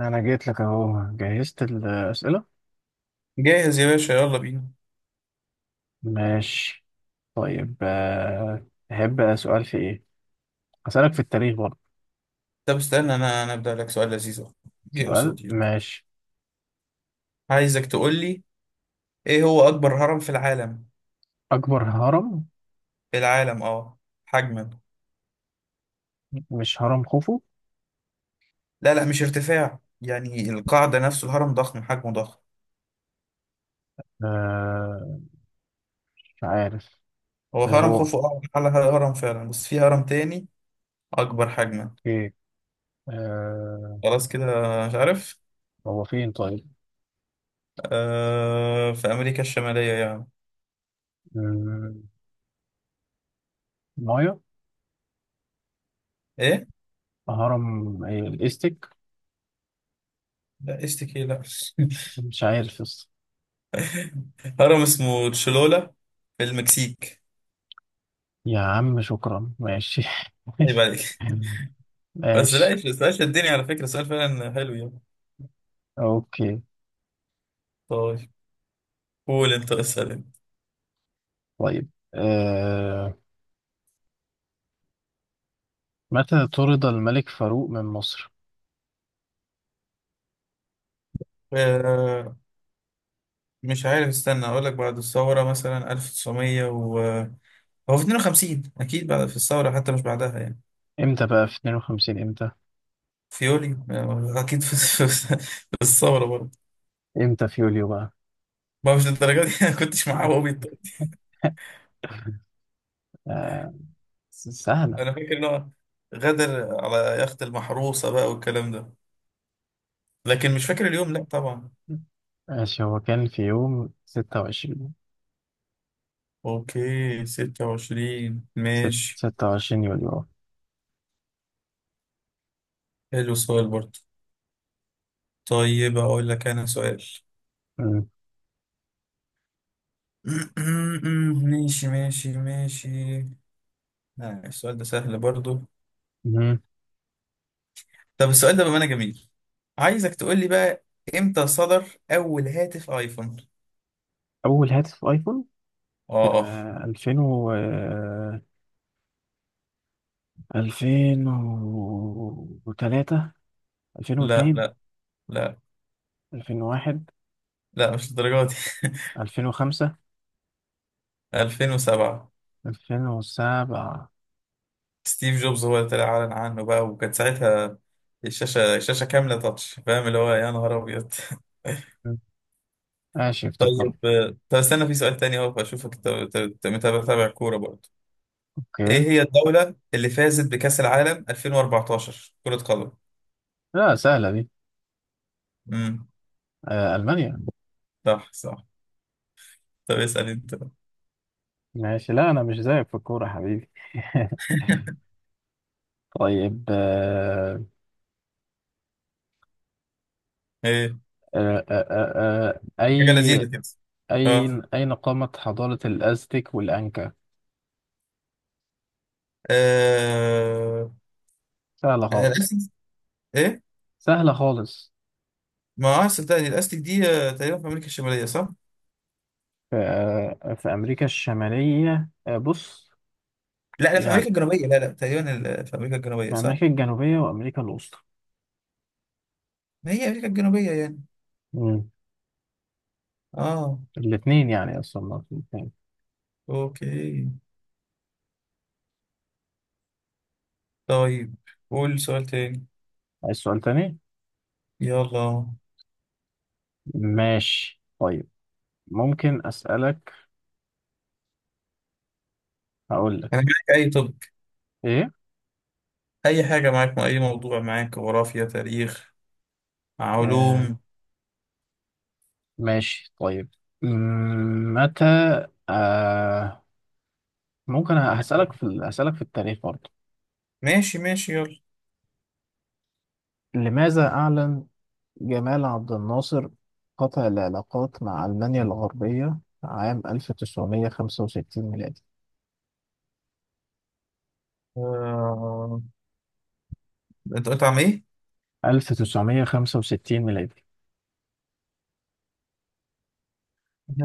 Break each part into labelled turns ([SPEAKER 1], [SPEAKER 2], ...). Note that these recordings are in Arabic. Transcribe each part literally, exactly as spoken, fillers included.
[SPEAKER 1] انا جيت لك اهو جهزت الاسئله.
[SPEAKER 2] جاهز يا باشا، يلا بينا.
[SPEAKER 1] ماشي. طيب، آه، تحب سؤال في ايه؟ هسألك في التاريخ برضه.
[SPEAKER 2] طب استنى انا انا ابدا لك سؤال لذيذ أهو. جه
[SPEAKER 1] سؤال.
[SPEAKER 2] قصادي، يلا.
[SPEAKER 1] ماشي.
[SPEAKER 2] عايزك تقول لي ايه هو اكبر هرم في العالم.
[SPEAKER 1] اكبر هرم.
[SPEAKER 2] في العالم اه، حجما.
[SPEAKER 1] مش هرم خوفو؟
[SPEAKER 2] لا لا، مش ارتفاع، يعني القاعده نفسه الهرم ضخم، حجمه ضخم.
[SPEAKER 1] آه. مش عارف.
[SPEAKER 2] هو
[SPEAKER 1] آه،
[SPEAKER 2] هرم
[SPEAKER 1] هو.
[SPEAKER 2] خوفو اه على هرم فعلا، بس في هرم تاني اكبر حجما.
[SPEAKER 1] ايه. آه.
[SPEAKER 2] خلاص كده، مش عارف.
[SPEAKER 1] هو فين طيب؟
[SPEAKER 2] آه، في امريكا الشماليه يعني.
[SPEAKER 1] مم، مايا.
[SPEAKER 2] ايه.
[SPEAKER 1] هرم إيه؟ الاستك.
[SPEAKER 2] لا استكي، لا
[SPEAKER 1] مش عارف يس.
[SPEAKER 2] هرم اسمه تشلولا في المكسيك.
[SPEAKER 1] يا عم شكرا. ماشي.
[SPEAKER 2] عيب عليك. بس لا
[SPEAKER 1] ماشي.
[SPEAKER 2] يش- السؤال شدني، على فكرة السؤال فعلا حلو يعني.
[SPEAKER 1] اوكي.
[SPEAKER 2] طيب، قول انت، اسأل انت.
[SPEAKER 1] طيب، آه متى طرد الملك فاروق من مصر؟
[SPEAKER 2] آه، مش عارف، استنى اقول لك. بعد الثورة مثلا ألف وتسعمية و، هو في اتنين وخمسين اكيد، بعد في الثورة حتى، مش بعدها يعني.
[SPEAKER 1] امتى بقى في اثنين وخمسين؟ امتى؟
[SPEAKER 2] فيولي آه، اكيد في في- في الثورة برضه.
[SPEAKER 1] امتى في يوليو بقى؟
[SPEAKER 2] ما مش للدرجة دي انا كنتش معاه وهو بيطلع.
[SPEAKER 1] آه، س- سهلة.
[SPEAKER 2] انا فاكر ان هو غدر على يخت المحروسة بقى والكلام ده، لكن مش فاكر اليوم، لا طبعا.
[SPEAKER 1] ماشي. هو كان في يوم ستة وعشرين.
[SPEAKER 2] اوكي، ستة وعشرين
[SPEAKER 1] ست-
[SPEAKER 2] ماشي.
[SPEAKER 1] ستة وعشرين يوليو. آه.
[SPEAKER 2] حلو السؤال برضه. طيب أقول لك أنا سؤال.
[SPEAKER 1] مم.
[SPEAKER 2] ماشي ماشي ماشي. آه، السؤال ده سهل برضو.
[SPEAKER 1] مم.
[SPEAKER 2] طب السؤال ده بأمانة جميل. عايزك تقول لي بقى، إمتى صدر أول هاتف آيفون؟
[SPEAKER 1] أول هاتف أيفون؟
[SPEAKER 2] آه.
[SPEAKER 1] آه ألفين و آه، ألفين وثلاثة،
[SPEAKER 2] لا
[SPEAKER 1] ألفين واثنين،
[SPEAKER 2] لا، لا،
[SPEAKER 1] ألفين وواحد،
[SPEAKER 2] لا، مش الدرجة دي
[SPEAKER 1] ألفين وخمسة،
[SPEAKER 2] ألفين وسبعة.
[SPEAKER 1] ألفين وسبعة.
[SPEAKER 2] ستيف جوبز هو اللي طلع أعلن عنه بقى، وكانت ساعتها الشاشة الشاشة كاملة تاتش، فاهم اللي هو؟ يا نهار أبيض
[SPEAKER 1] مم. ماشي،
[SPEAKER 2] طيب،
[SPEAKER 1] افتكرت.
[SPEAKER 2] آه، طب استنى، في سؤال تاني أهو. أشوفك متابع متابع كورة برضو. ايه
[SPEAKER 1] أوكي.
[SPEAKER 2] هي الدولة اللي فازت بكأس العالم ألفين وأربعتاشر كرة قدم؟
[SPEAKER 1] لا، سهلة دي.
[SPEAKER 2] امم،
[SPEAKER 1] آه ألمانيا.
[SPEAKER 2] صح صح. طب اسأل انت بقى.
[SPEAKER 1] ماشي. لا، انا مش زيك في الكوره يا حبيبي. طيب، آه،
[SPEAKER 2] ايه،
[SPEAKER 1] آه، آه، آه، آه،
[SPEAKER 2] حاجة
[SPEAKER 1] اي،
[SPEAKER 2] لذيذة كده. اه.
[SPEAKER 1] اين اين قامت حضاره الازتك والانكا؟
[SPEAKER 2] آه،
[SPEAKER 1] سهله
[SPEAKER 2] آه،
[SPEAKER 1] خالص.
[SPEAKER 2] الاستك. ايه.
[SPEAKER 1] سهله خالص.
[SPEAKER 2] ما اه، صدقني الاستك دي آه، تقريبا في امريكا الشمالية، صح.
[SPEAKER 1] في آه، في امريكا الشماليه، آه، بص.
[SPEAKER 2] لا لا، في امريكا
[SPEAKER 1] يعني
[SPEAKER 2] الجنوبية، لا لا تقريبا، ال- في امريكا الجنوبية
[SPEAKER 1] في
[SPEAKER 2] صح.
[SPEAKER 1] امريكا الجنوبيه وامريكا الوسطى.
[SPEAKER 2] ما هي امريكا الجنوبية يعني.
[SPEAKER 1] مم.
[SPEAKER 2] اه.
[SPEAKER 1] الاثنين، يعني اصلا ما في الاثنين.
[SPEAKER 2] اوكي. طيب، قول سؤال تاني.
[SPEAKER 1] عايز سؤال تاني؟
[SPEAKER 2] يلا.
[SPEAKER 1] ماشي طيب. ممكن اسالك. هقول لك
[SPEAKER 2] انا معاك اي، طب،
[SPEAKER 1] ايه.
[SPEAKER 2] اي حاجة معاك، اي موضوع معاك، جغرافيا، تاريخ،
[SPEAKER 1] آه،
[SPEAKER 2] علوم.
[SPEAKER 1] ماشي طيب. مم، متى... آه ممكن هسألك في ال- هسألك في التاريخ برضه.
[SPEAKER 2] ماشي ماشي، يلا.
[SPEAKER 1] لماذا أعلن جمال عبد الناصر قطع العلاقات مع ألمانيا الغربية عام ألف تسعمية خمسة وستين ميلادي؟
[SPEAKER 2] آه... انت قلت عم ايه؟
[SPEAKER 1] ألف تسعمائة وخمسة وستين ميلادي.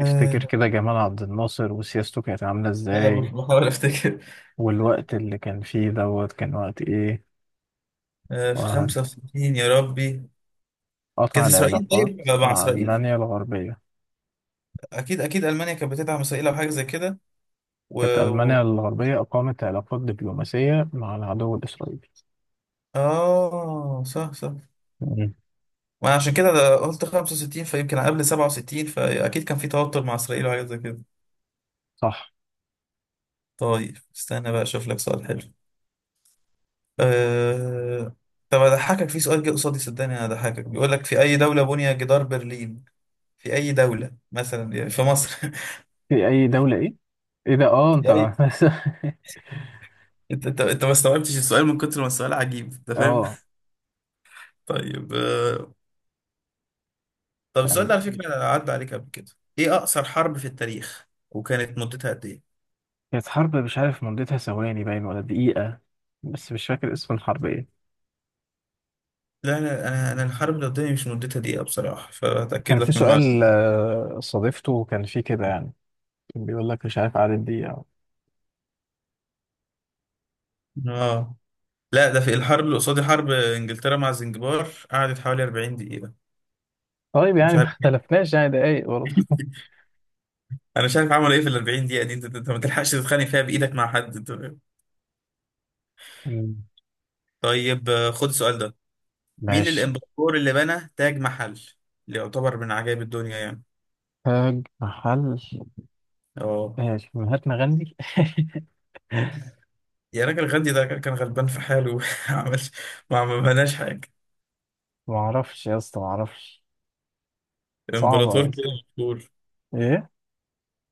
[SPEAKER 1] افتكر كده جمال عبد الناصر وسياسته كانت عاملة
[SPEAKER 2] انا
[SPEAKER 1] ازاي،
[SPEAKER 2] بح- بحاول افتكر.
[SPEAKER 1] والوقت اللي كان فيه دوت كان وقت ايه.
[SPEAKER 2] آه... في خمسة وستين، يا ربي.
[SPEAKER 1] وقطع
[SPEAKER 2] كانت اسرائيل،
[SPEAKER 1] العلاقات
[SPEAKER 2] طيب مع
[SPEAKER 1] مع
[SPEAKER 2] اسرائيل
[SPEAKER 1] ألمانيا الغربية.
[SPEAKER 2] اكيد اكيد المانيا كانت بتدعم اسرائيل او حاجه زي كده. و...
[SPEAKER 1] كانت ألمانيا
[SPEAKER 2] و...
[SPEAKER 1] الغربية أقامت علاقات دبلوماسية مع العدو الإسرائيلي.
[SPEAKER 2] اه صح صح.
[SPEAKER 1] مم.
[SPEAKER 2] ما عشان كده ده قلت خمسة وستين، فيمكن قبل سبعة وستين، فاكيد كان في توتر مع اسرائيل وحاجه زي كده.
[SPEAKER 1] صح.
[SPEAKER 2] طيب استنى بقى اشوف لك سؤال حلو. آه... طب اضحكك، في سؤال جه قصادي صدقني انا هضحكك، بيقول لك في اي دوله بني جدار برلين. في أي دولة، مثلا يعني في مصر
[SPEAKER 1] في أي دولة إيه؟ إيه ده؟ آه
[SPEAKER 2] في
[SPEAKER 1] أنت!
[SPEAKER 2] أي أنت أنت أنت ما استوعبتش السؤال من كتر ما السؤال عجيب، أنت فاهم؟
[SPEAKER 1] آه.
[SPEAKER 2] طيب، آه، طب
[SPEAKER 1] يعني
[SPEAKER 2] السؤال ده على فكرة عدى عليك قبل كده. إيه أقصر حرب في التاريخ، وكانت مدتها قد إيه؟
[SPEAKER 1] كانت حرب مش عارف مدتها ثواني باين ولا دقيقة، بس مش فاكر اسم الحرب إيه.
[SPEAKER 2] لا، أنا أنا أنا الحرب اللي قدامي مش مدتها دقيقة بصراحة، فأتأكد
[SPEAKER 1] كان
[SPEAKER 2] لك
[SPEAKER 1] في
[SPEAKER 2] من المعلومة.
[SPEAKER 1] سؤال، آه، صادفته، كان فيه كده يعني. كان بيقول لك مش عارف عدد دقيقة.
[SPEAKER 2] آه. لا، ده في الحرب اللي قصادي، حرب إنجلترا مع زنجبار قعدت حوالي أربعين دقيقة.
[SPEAKER 1] طيب
[SPEAKER 2] مش
[SPEAKER 1] يعني ما
[SPEAKER 2] عارف
[SPEAKER 1] اختلفناش، يعني دقايق برضه.
[SPEAKER 2] انا مش عارف عملوا ايه في ال أربعين دقيقه دي. انت انت أنت ما تلحقش تتخانق فيها بايدك مع حد، أنت فاهم؟
[SPEAKER 1] مم.
[SPEAKER 2] طيب، آه، خد السؤال ده. مين
[SPEAKER 1] ماشي.
[SPEAKER 2] الامبراطور اللي بنى تاج محل، اللي يعتبر من عجائب الدنيا يعني؟
[SPEAKER 1] تاج محل.
[SPEAKER 2] اه.
[SPEAKER 1] إيه، مهاتما غاندي؟
[SPEAKER 2] يا راجل، غاندي ده كان غلبان في حاله ما عملش، ما عملناش حاجة.
[SPEAKER 1] ما اعرفش يا اسطى، ما اعرفش. صعبة
[SPEAKER 2] امبراطور
[SPEAKER 1] يا
[SPEAKER 2] كده
[SPEAKER 1] اسطى.
[SPEAKER 2] مشهور،
[SPEAKER 1] ايه؟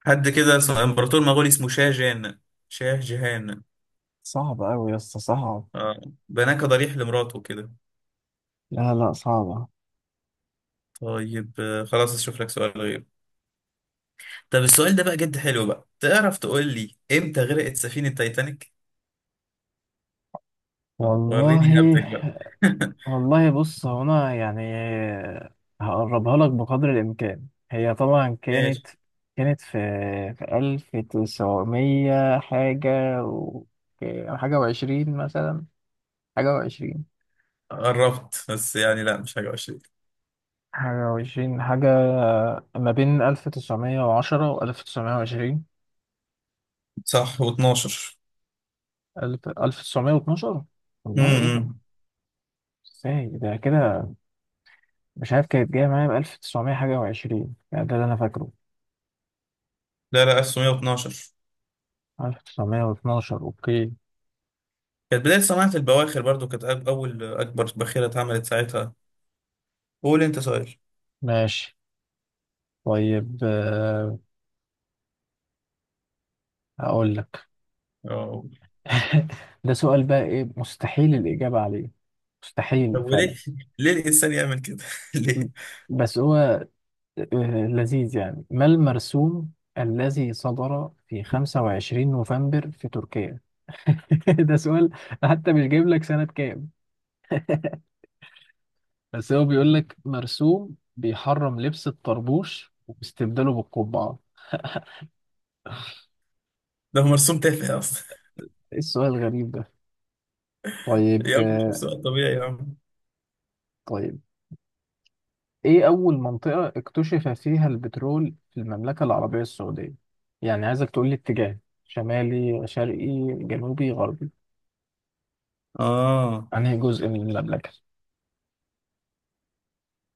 [SPEAKER 2] حد كده اسمه، امبراطور مغولي اسمه شاه جان، شاه جهان.
[SPEAKER 1] صعبة أوي يا اسطى، صعب.
[SPEAKER 2] اه. بناه كضريح لمراته كده.
[SPEAKER 1] لا لا، صعبة.
[SPEAKER 2] طيب، آه، خلاص اشوف لك سؤال غير. طب السؤال ده بقى جد حلو بقى، تعرف تقول لي امتى غرقت سفينة تايتانيك؟ آه، وريني
[SPEAKER 1] والله.
[SPEAKER 2] هبتك بقى
[SPEAKER 1] والله بص، هو أنا يعني هقربها لك بقدر الإمكان. هي طبعا
[SPEAKER 2] ماشي.
[SPEAKER 1] كانت. كانت في. في ألف تسعمية حاجة و. حاجة وعشرين مثلا. حاجة وعشرين.
[SPEAKER 2] قربت بس يعني، لا مش حاجة وحشة.
[SPEAKER 1] حاجة وعشرين حاجة. ما بين ألف تسعمية وعشرة وألف تسعمية وعشرين.
[SPEAKER 2] صح، و12.
[SPEAKER 1] ألف ألف تسعمية واتناشر. والله إيه ده؟
[SPEAKER 2] امم،
[SPEAKER 1] ازاي ده كده؟ مش عارف، كانت جاية معايا بألف تسعمية حاجة وعشرين، يعني ده اللي أنا فاكره.
[SPEAKER 2] لا لا، ألف وتسعمية واتناشر.
[SPEAKER 1] ألف تسعمية واتناشر. أوكي.
[SPEAKER 2] كانت بداية صناعة البواخر برضو، كانت أك- أول أكبر باخرة اتعملت ساعتها. قول أنت سؤال.
[SPEAKER 1] ماشي. طيب، آه، هقول لك.
[SPEAKER 2] اه.
[SPEAKER 1] ده سؤال بقى إيه، مستحيل الإجابة عليه. مستحيل
[SPEAKER 2] طب وليه؟
[SPEAKER 1] فعلا.
[SPEAKER 2] ليه الإنسان يعمل كده؟
[SPEAKER 1] م-
[SPEAKER 2] ليه؟
[SPEAKER 1] بس هو آه، لذيذ يعني. ما المرسوم الذي صدر في خمسة وعشرين نوفمبر في تركيا؟ ده سؤال حتى مش جايب لك سنة كام. بس هو بيقول لك مرسوم بيحرم لبس الطربوش واستبداله بالقبعة.
[SPEAKER 2] ده هو مرسوم تافه أصلا.
[SPEAKER 1] ايه السؤال الغريب ده؟ طيب.
[SPEAKER 2] يا عم شوف سؤال طبيعي يا عم.
[SPEAKER 1] طيب، ايه اول منطقة اكتشف فيها البترول في المملكة العربية السعودية؟ يعني عايزك تقول لي اتجاه. شمالي شرقي. جنوبي غربي.
[SPEAKER 2] اه،
[SPEAKER 1] انهي جزء من المملكة؟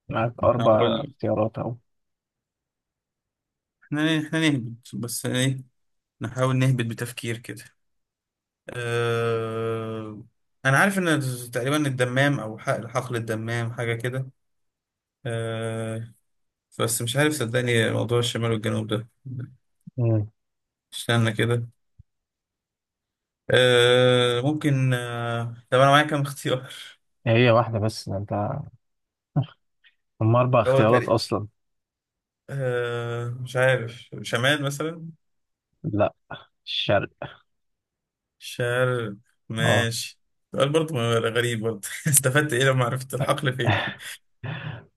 [SPEAKER 1] معاك اربع
[SPEAKER 2] هقول لك.
[SPEAKER 1] اختيارات اهو.
[SPEAKER 2] احنا احنا نهبط، بس ايه، نحاول نهبط بتفكير كده. أه... أنا عارف إن تقريبا الدمام، أو حقل حقل الدمام حاجة كده، بس مش عارف صدقني موضوع الشمال والجنوب ده.
[SPEAKER 1] مم.
[SPEAKER 2] استنى كده. آه ممكن، آه طب انا معايا كام اختيار؟
[SPEAKER 1] هي واحدة بس، ده انت هم اربع
[SPEAKER 2] هو
[SPEAKER 1] اختيارات
[SPEAKER 2] تقريبا
[SPEAKER 1] اصلا.
[SPEAKER 2] آه، مش عارف، شمال مثلا.
[SPEAKER 1] لا. الشرق.
[SPEAKER 2] شرق.
[SPEAKER 1] اه.
[SPEAKER 2] ماشي. سؤال برضه غريب برضه استفدت ايه لما عرفت الحقل فين.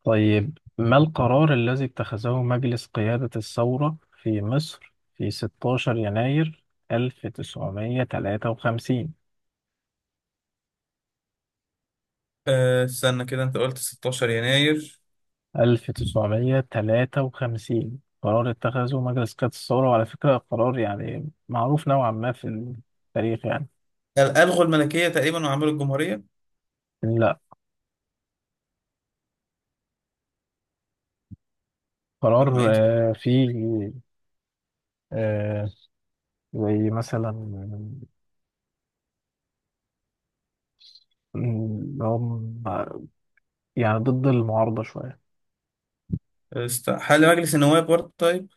[SPEAKER 1] طيب، ما القرار الذي اتخذه مجلس قيادة الثورة في مصر في ستاشر يناير ألف تسعمية تلاتة وخمسين؟
[SPEAKER 2] آه استنى كده، انت قلت ستاشر يناير.
[SPEAKER 1] ألف تسعمية تلاتة وخمسين. قرار اتخذه مجلس قيادة الثورة، وعلى فكرة قرار يعني معروف نوعا ما في التاريخ يعني.
[SPEAKER 2] قال- الغوا الملكية تقريبا وعملوا الجمهورية.
[SPEAKER 1] لا.
[SPEAKER 2] اما
[SPEAKER 1] قرار.
[SPEAKER 2] ايه تاني؟
[SPEAKER 1] آه، فيه. آه، زي مثلا، آه، اللي هو يعني ضد المعارضة شوية.
[SPEAKER 2] است... حل مجلس النواب برضه. طيب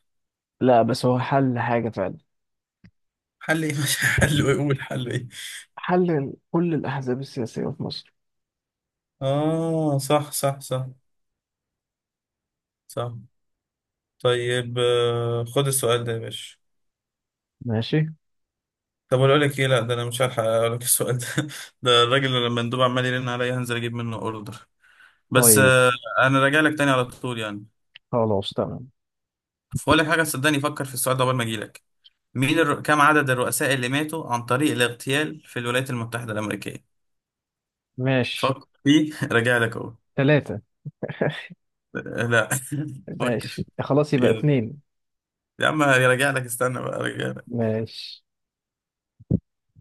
[SPEAKER 1] لا بس هو حل حاجة فعلا.
[SPEAKER 2] حل ايه؟ مش حل ايه، قول حل ايه.
[SPEAKER 1] حل كل الأحزاب السياسية في مصر.
[SPEAKER 2] اه صح صح صح، صح. طيب، آه، خد السؤال ده يا باشا.
[SPEAKER 1] ماشي
[SPEAKER 2] طب اقول لك ايه، لا ده انا مش هلحق اقول لك السؤال ده ده الراجل اللي لما المندوب عمال يرن عليا هنزل اجيب منه اوردر. بس
[SPEAKER 1] طيب.
[SPEAKER 2] آه، انا راجع لك تاني على طول يعني.
[SPEAKER 1] خلاص تمام.
[SPEAKER 2] فاقول لك حاجه، صدقني فكر في السؤال ده قبل ما اجي لك. مين الر... كم عدد الرؤساء اللي ماتوا عن طريق الاغتيال في الولايات المتحده الامريكيه؟
[SPEAKER 1] ماشي.
[SPEAKER 2] فكر فيه راجع لك اهو.
[SPEAKER 1] ثلاثة.
[SPEAKER 2] لا
[SPEAKER 1] ماشي
[SPEAKER 2] فكر.
[SPEAKER 1] خلاص، يبقى
[SPEAKER 2] يلا.
[SPEAKER 1] اتنين.
[SPEAKER 2] يا عم راجع لك، استنى بقى، راجع.
[SPEAKER 1] ماشي.